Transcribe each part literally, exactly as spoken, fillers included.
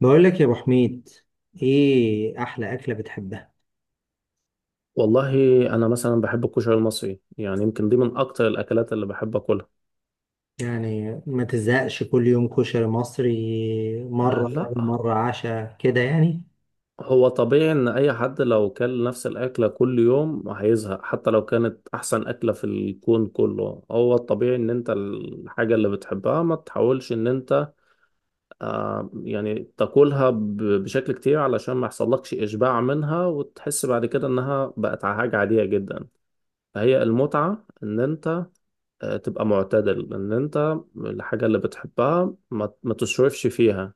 بقول لك يا ابو حميد، ايه احلى اكله بتحبها؟ والله، انا مثلا بحب الكشري المصري. يعني يمكن دي من اكتر الاكلات اللي بحب اكلها. يعني ما تزهقش كل يوم كشري مصري؟ آه، مره يعني لا. مره عشاء كده يعني. هو طبيعي ان اي حد لو كل نفس الاكله كل يوم هيزهق، حتى لو كانت احسن اكله في الكون كله. هو الطبيعي ان انت الحاجه اللي بتحبها ما تحاولش ان انت آه يعني تاكلها ب- بشكل كتير، علشان ما يحصلكش اشباع منها وتحس بعد كده انها بقت حاجه عاديه جدا. فهي المتعه ان انت آه، تبقى معتدل ان انت الحاجة اللي بتحبها ما, ما تصرفش فيها.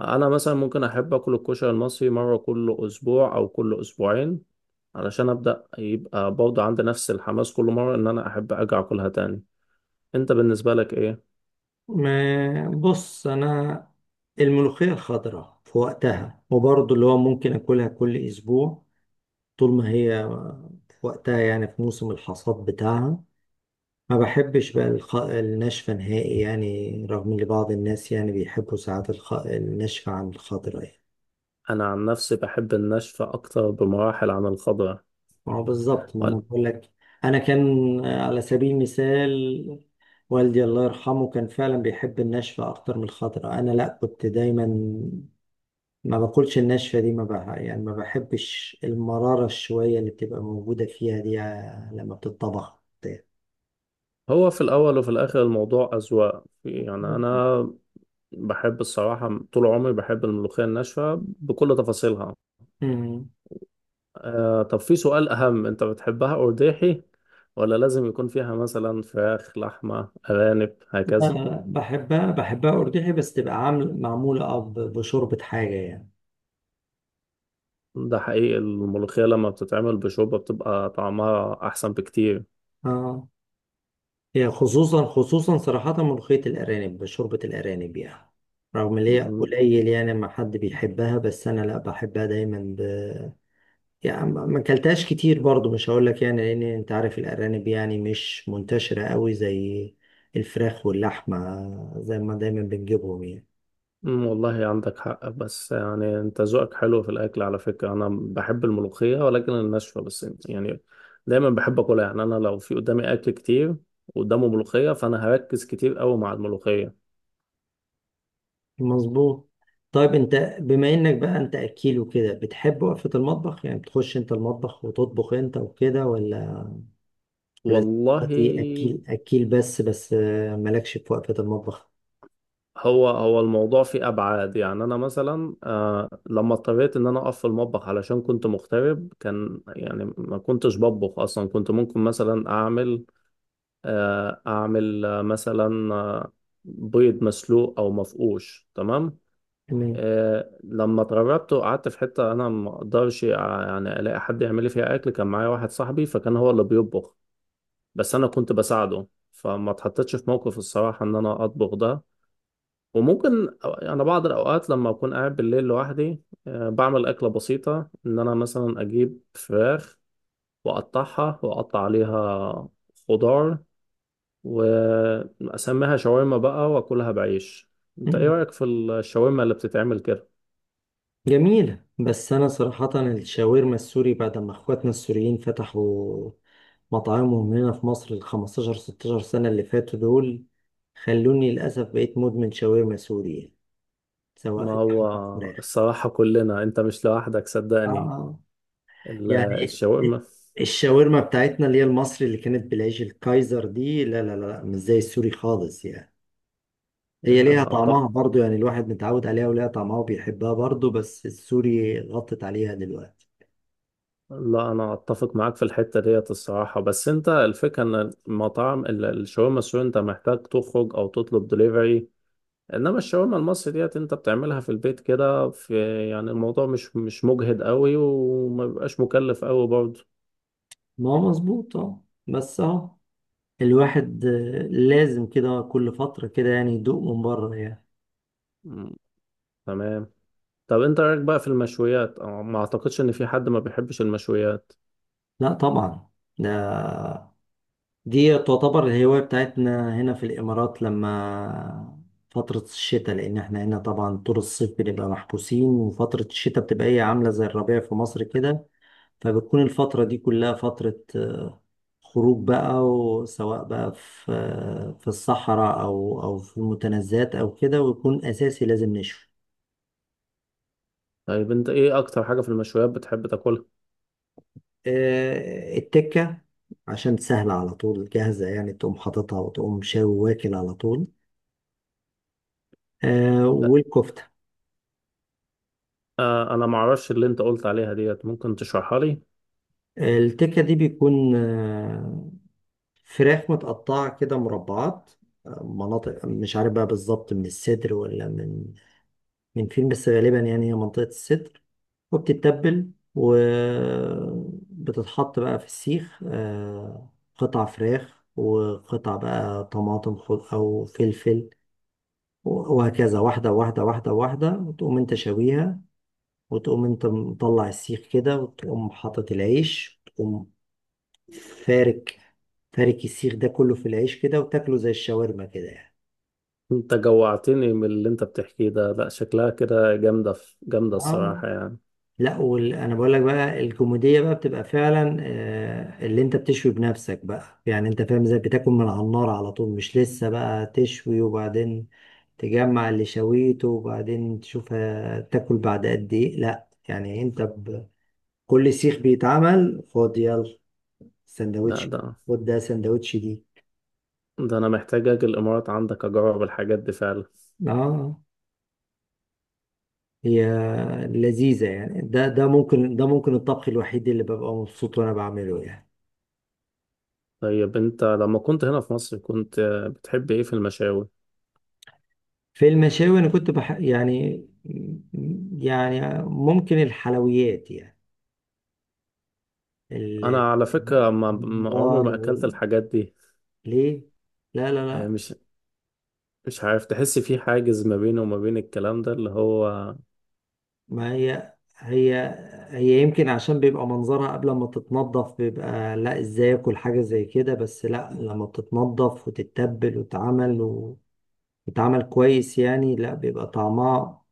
انا مثلا ممكن احب اكل الكشري المصري مرة كل اسبوع او كل اسبوعين، علشان ابدأ يبقى برضه عندي نفس الحماس كل مرة ان انا احب ارجع اكلها تاني. انت بالنسبة لك ايه؟ ما بص، انا الملوخيه الخضراء في وقتها، وبرضه اللي هو ممكن اكلها كل اسبوع طول ما هي في وقتها، يعني في موسم الحصاد بتاعها. ما بحبش بقى الخ... الناشفه نهائي يعني، رغم ان بعض الناس يعني بيحبوا ساعات الخ... الناشفه عن الخضراء يعني. انا عن نفسي بحب الناشفة اكتر بمراحل عن الخضراء. ما هو بالظبط ما انا وال- بقول لك. انا كان، آه، على سبيل المثال، والدي الله يرحمه كان فعلا بيحب الناشفه اكتر من الخضراء. انا لا، كنت دايما ما باكلش الناشفه دي، ما بقى يعني، ما بحبش المراره شويه اللي بتبقى موجوده فيها دي، آه، لما بتطبخ. هو في الاول وفي الاخر الموضوع اذواق. يعني انا بحب الصراحة، طول عمري بحب الملوخية الناشفة بكل تفاصيلها. مم. آه طب في سؤال أهم، أنت بتحبها أرداحي ولا لازم يكون فيها مثلا فراخ، لحمة، أرانب لا هكذا؟ لا لا، بحبها بحبها أرجحي، بس تبقى عامل معمولة أه ب- بشوربة حاجة يعني. ده حقيقي الملوخية لما بتتعمل بشوربة بتبقى طعمها أحسن بكتير. اه، هي خصوصا خصوصا صراحة ملوخية الأرانب، شوربة الأرانب يعني، رغم إن هي م- قليل يعني ما حد بيحبها، بس أنا لأ بحبها دايما ب... يعني. ما ما أكلتهاش كتير برضو، مش هقول لك يعني، لأن أنت عارف الأرانب يعني مش منتشرة قوي زي الفراخ واللحمة، زي ما دايما بنجيبهم يعني. م- والله عندك حق. بس يعني أنت ذوقك حلو في الأكل. على فكرة أنا بحب الملوخية ولكن الناشفة بس. يعني دايما بحب أكلها. يعني أنا لو في قدامي أكل كتير وقدامه ملوخية، فأنا هركز كتير أوي مع الملوخية. مظبوط. طيب أنت بما إنك بقى أنت أكيل وكده، بتحب وقفة المطبخ؟ يعني بتخش أنت المطبخ وتطبخ أنت وكده، ولا والله، ولذتي اكيل اكيل بس بس، آه، مالكش في وقفة المطبخ؟ هو هو الموضوع فيه ابعاد. يعني انا مثلا آه لما اضطريت ان انا اقف في المطبخ، علشان كنت مغترب. كان يعني ما كنتش بطبخ اصلا. كنت ممكن مثلا اعمل آه اعمل آه مثلا آه بيض مسلوق او مفقوش. تمام. تمام. آه لما اتغربت وقعدت في حته انا ما اقدرش ع- يعني الاقي حد يعمل لي فيها اكل. كان معايا واحد صاحبي، فكان هو اللي بيطبخ. بس انا كنت بساعده. فما اتحطيتش في موقف الصراحه ان انا اطبخ ده. وممكن أو- أنا بعض الأوقات لما أكون قاعد بالليل لوحدي آه، بعمل أكلة بسيطة. إن أنا مثلا أجيب فراخ وأقطعها وأقطع عليها خضار وأسميها شاورما بقى وأكلها بعيش. أنت إيه مم. رأيك في الشاورما اللي بتتعمل كده؟ جميلة، بس انا صراحة الشاورما السوري بعد ما اخواتنا السوريين فتحوا مطاعمهم هنا في مصر ال خمسة عشر ستاشر سنة اللي فاتوا دول، خلوني للأسف بقيت مدمن شاورما سوري يعني، ما سواء هو لحمة أو فراخ. الصراحة كلنا، أنت مش لوحدك صدقني. آه، ال- يعني الشاورما. الشاورما بتاعتنا اللي هي المصري اللي كانت بالعيش الكايزر دي، لا لا لا مش زي السوري خالص يعني. هي ليها يا قطع! طعمها برضو يعني، الواحد متعود عليها وليها طعمها وبيحبها برضو، بس السوري غطت عليها دلوقتي. لا، انا اتفق معاك في الحته ديت الصراحه. بس انت الفكره ان المطاعم ال- الشاورما السوري انت محتاج تخرج او تطلب دليفري. انما الشاورما المصري ديت انت بتعملها في البيت كده في. يعني الموضوع مش مش مجهد قوي وما بيبقاش مكلف قوي برضه. ما هو مظبوط اه، بس اه، الواحد آه، لازم كده كل فترة كده يعني يدوق من بره يعني. مم، تمام. طب انت رايك بقى في المشويات؟ أو ما اعتقدش ان في حد ما بيحبش المشويات. لا طبعا، ده دي تعتبر الهواية بتاعتنا هنا في الإمارات لما فترة الشتاء، لأن احنا هنا طبعا طول الصيف بنبقى محبوسين، وفترة الشتاء بتبقى هي عاملة زي الربيع في مصر كده. فبتكون الفترة دي كلها فترة آه، خروج بقى، وسواء بقى في آه، في الصحراء أو أو في المتنزهات أو كده، ويكون أساسي لازم نشوي. طيب انت ايه اكتر حاجه في المشويات بتحب تاكلها؟ آه، التكة، عشان سهلة على طول جاهزة يعني، تقوم حاططها وتقوم شاوي واكل على طول. آه، والكفتة. آه انا ما اعرفش اللي انت قلت عليها ديت، ممكن تشرحها لي؟ التكة دي بيكون آه، فراخ متقطعة كده مربعات، آه، مناطق مش عارف بقى بالظبط من الصدر ولا من من فين، بس غالبا يعني هي منطقة الصدر. وبتتبل وبتتحط بقى في السيخ، آه، قطع فراخ وقطع بقى طماطم خض- أو فلفل، وهكذا واحدة واحدة واحدة واحدة، وتقوم انت شويها، وتقوم انت مطلع السيخ كده، وتقوم حاطط العيش، وتقوم فارك، فارك السيخ ده كله في العيش كده، وتاكله زي الشاورما كده يعني. انت جوعتني من اللي انت بتحكيه ده. لا، شكلها كده جامدة في جامدة اه. الصراحة يعني. لا وال... انا بقول لك بقى، الكوميديا بقى بتبقى فعلا آه، اللي انت بتشوي بنفسك بقى يعني. انت فاهم ازاي؟ بتاكل من على النار على طول، مش لسه بقى تشوي وبعدين تجمع اللي شويته وبعدين تشوف. آه، تاكل بعد قد ايه؟ لا يعني انت ب... كل سيخ بيتعمل خد يلا لا، سندوتش، ده خد ده سندوتش دي. ده انا محتاج اجي الامارات عندك اجرب الحاجات دي فعلا. اه، هي لذيذة يعني. ده ده ممكن، ده ممكن الطبخ الوحيد اللي ببقى مبسوط وانا بعمله يعني. طيب انت لما كنت هنا في مصر كنت بتحب ايه في المشاوي؟ في المشاوي انا كنت بح... يعني، يعني ممكن الحلويات يعني، ال- انا على فكرة ما ما- عمري الممبار ما اكلت وال- الحاجات دي. ليه. لا لا اه، لا. مش مش عارف. تحس في حاجز ما بيني وما بين الكلام ده اللي هو. ما هي هي هي يمكن عشان بيبقى منظرها قبل ما تتنضف بيبقى لا، ازاي اكل حاجة زي كده؟ بس لا، لما بتتنضف وتتبل وتتعمل و- وتتعمل كويس يعني، لا بيبقى طعمها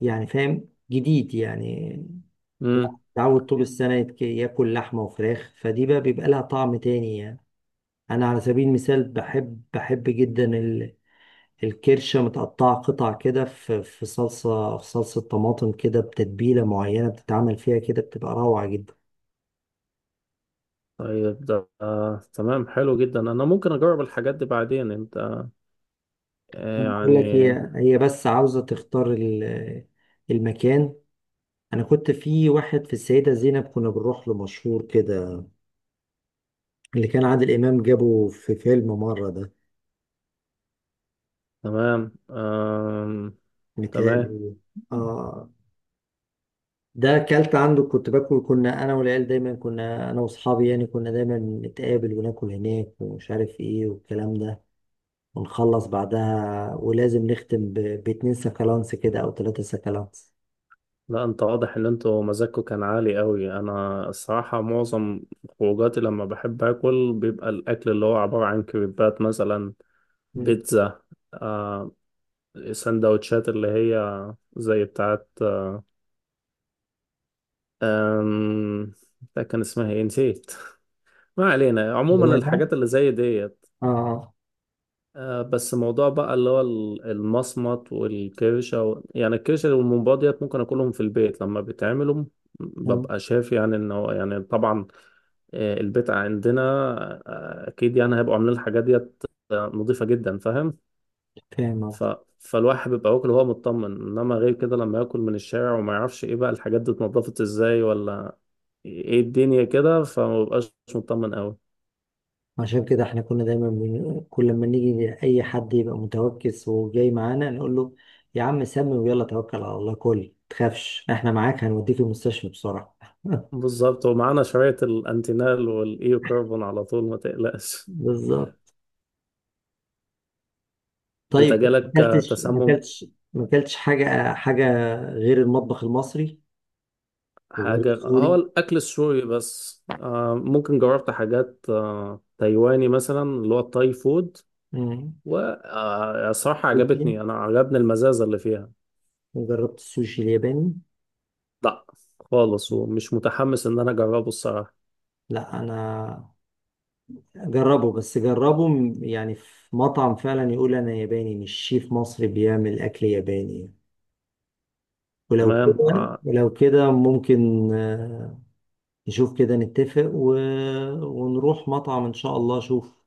يعني، فاهم؟ جديد يعني، امم. تعود طول السنة يتك- ياكل لحمة وفراخ، فدي بقى بيبقى لها طعم تاني يعني. أنا على سبيل المثال بحب، بحب جدا ال- الكرشة متقطعة قطع كده في في صلصة، في صلصة طماطم كده، بتتبيلة معينة بتتعمل فيها كده، بتبقى روعة جدا. طيب ده آه تمام حلو جدا. انا ممكن اجرب الحاجات دي بعدين انت. اه، أنا بقول لك، يعني هي هي بس عاوزة تختار ال- المكان. أنا كنت في واحد في السيدة زينب كنا بنروح له، مشهور كده، اللي كان عادل إمام جابه في فيلم مرة ده، تمام. آم... تمام. متهيألي. آه، ده اكلت عنده، كنت باكل، كنا انا والعيال دايما، كنا انا واصحابي يعني، كنا دايما نتقابل وناكل هناك ومش عارف ايه والكلام ده، ونخلص بعدها ولازم نختم ب... باتنين سكالانس كده او ثلاثة سكالانس. لا، انت واضح ان انتوا مزاجكوا كان عالي قوي. انا الصراحة معظم خروجاتي لما بحب اكل بيبقى الاكل اللي هو عبارة عن كريبات مثلا، مم. بيتزا، آه سندوتشات اللي هي زي بتاعت آه آم، ده كان اسمها ايه نسيت. ما علينا. هو عموما ده؟ الحاجات اللي زي ديت. اه آه. آه، بس موضوع بقى اللي هو ال- المصمت والكرشة و... يعني الكرشة والممبار ديت ممكن أكلهم في البيت لما بيتعملوا، م- مم. ببقى شايف يعني إن هو، يعني طبعا آه، البيت عندنا آه، أكيد يعني هيبقوا عاملين الحاجات ديت آه، نظيفة جدا، فاهم. فاهم ف... قصدك. فالواحد بيبقى واكل وهو مطمن. إنما غير كده لما ياكل من الشارع وما يعرفش إيه بقى الحاجات دي اتنضفت إزاي ولا إيه الدنيا كده، فما بيبقاش مطمن أوي. عشان كده احنا كنا دايما من... كل ما نيجي اي حد يبقى متوكس وجاي معانا نقول له يا عم سمي ويلا توكل على الله، كل تخافش، احنا معاك، هنوديك المستشفى بسرعة. بالظبط، ومعانا شوية الانتينال والايو كاربون على طول ما تقلقش. بالظبط. انت طيب ما جالك آه، اكلتش؟ ما تسمم اكلتش ما اكلتش حاجه حاجه غير المطبخ المصري وغير حاجة؟ هو السوري. الأكل السوري بس. آه، ممكن جربت حاجات آه، تايواني مثلا اللي هو التاي فود. مم. وصراحة السوشي؟ عجبتني، أنا عجبني المزازة اللي فيها. جربت السوشي الياباني؟ لا خالص، ومش متحمس إن أنا أجربه الصراحة. لا انا جربه، بس جربه م- يعني، في مطعم فعلا يقول انا ياباني، مش شيف مصري بيعمل اكل ياباني. ولو تمام. كده آه، ولو كده ممكن آه، نشوف كده نتفق و... ونروح مطعم ان شاء الله اشوف.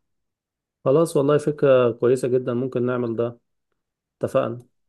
خلاص، والله فكرة كويسة جدا، ممكن نعمل ده. اتفقنا.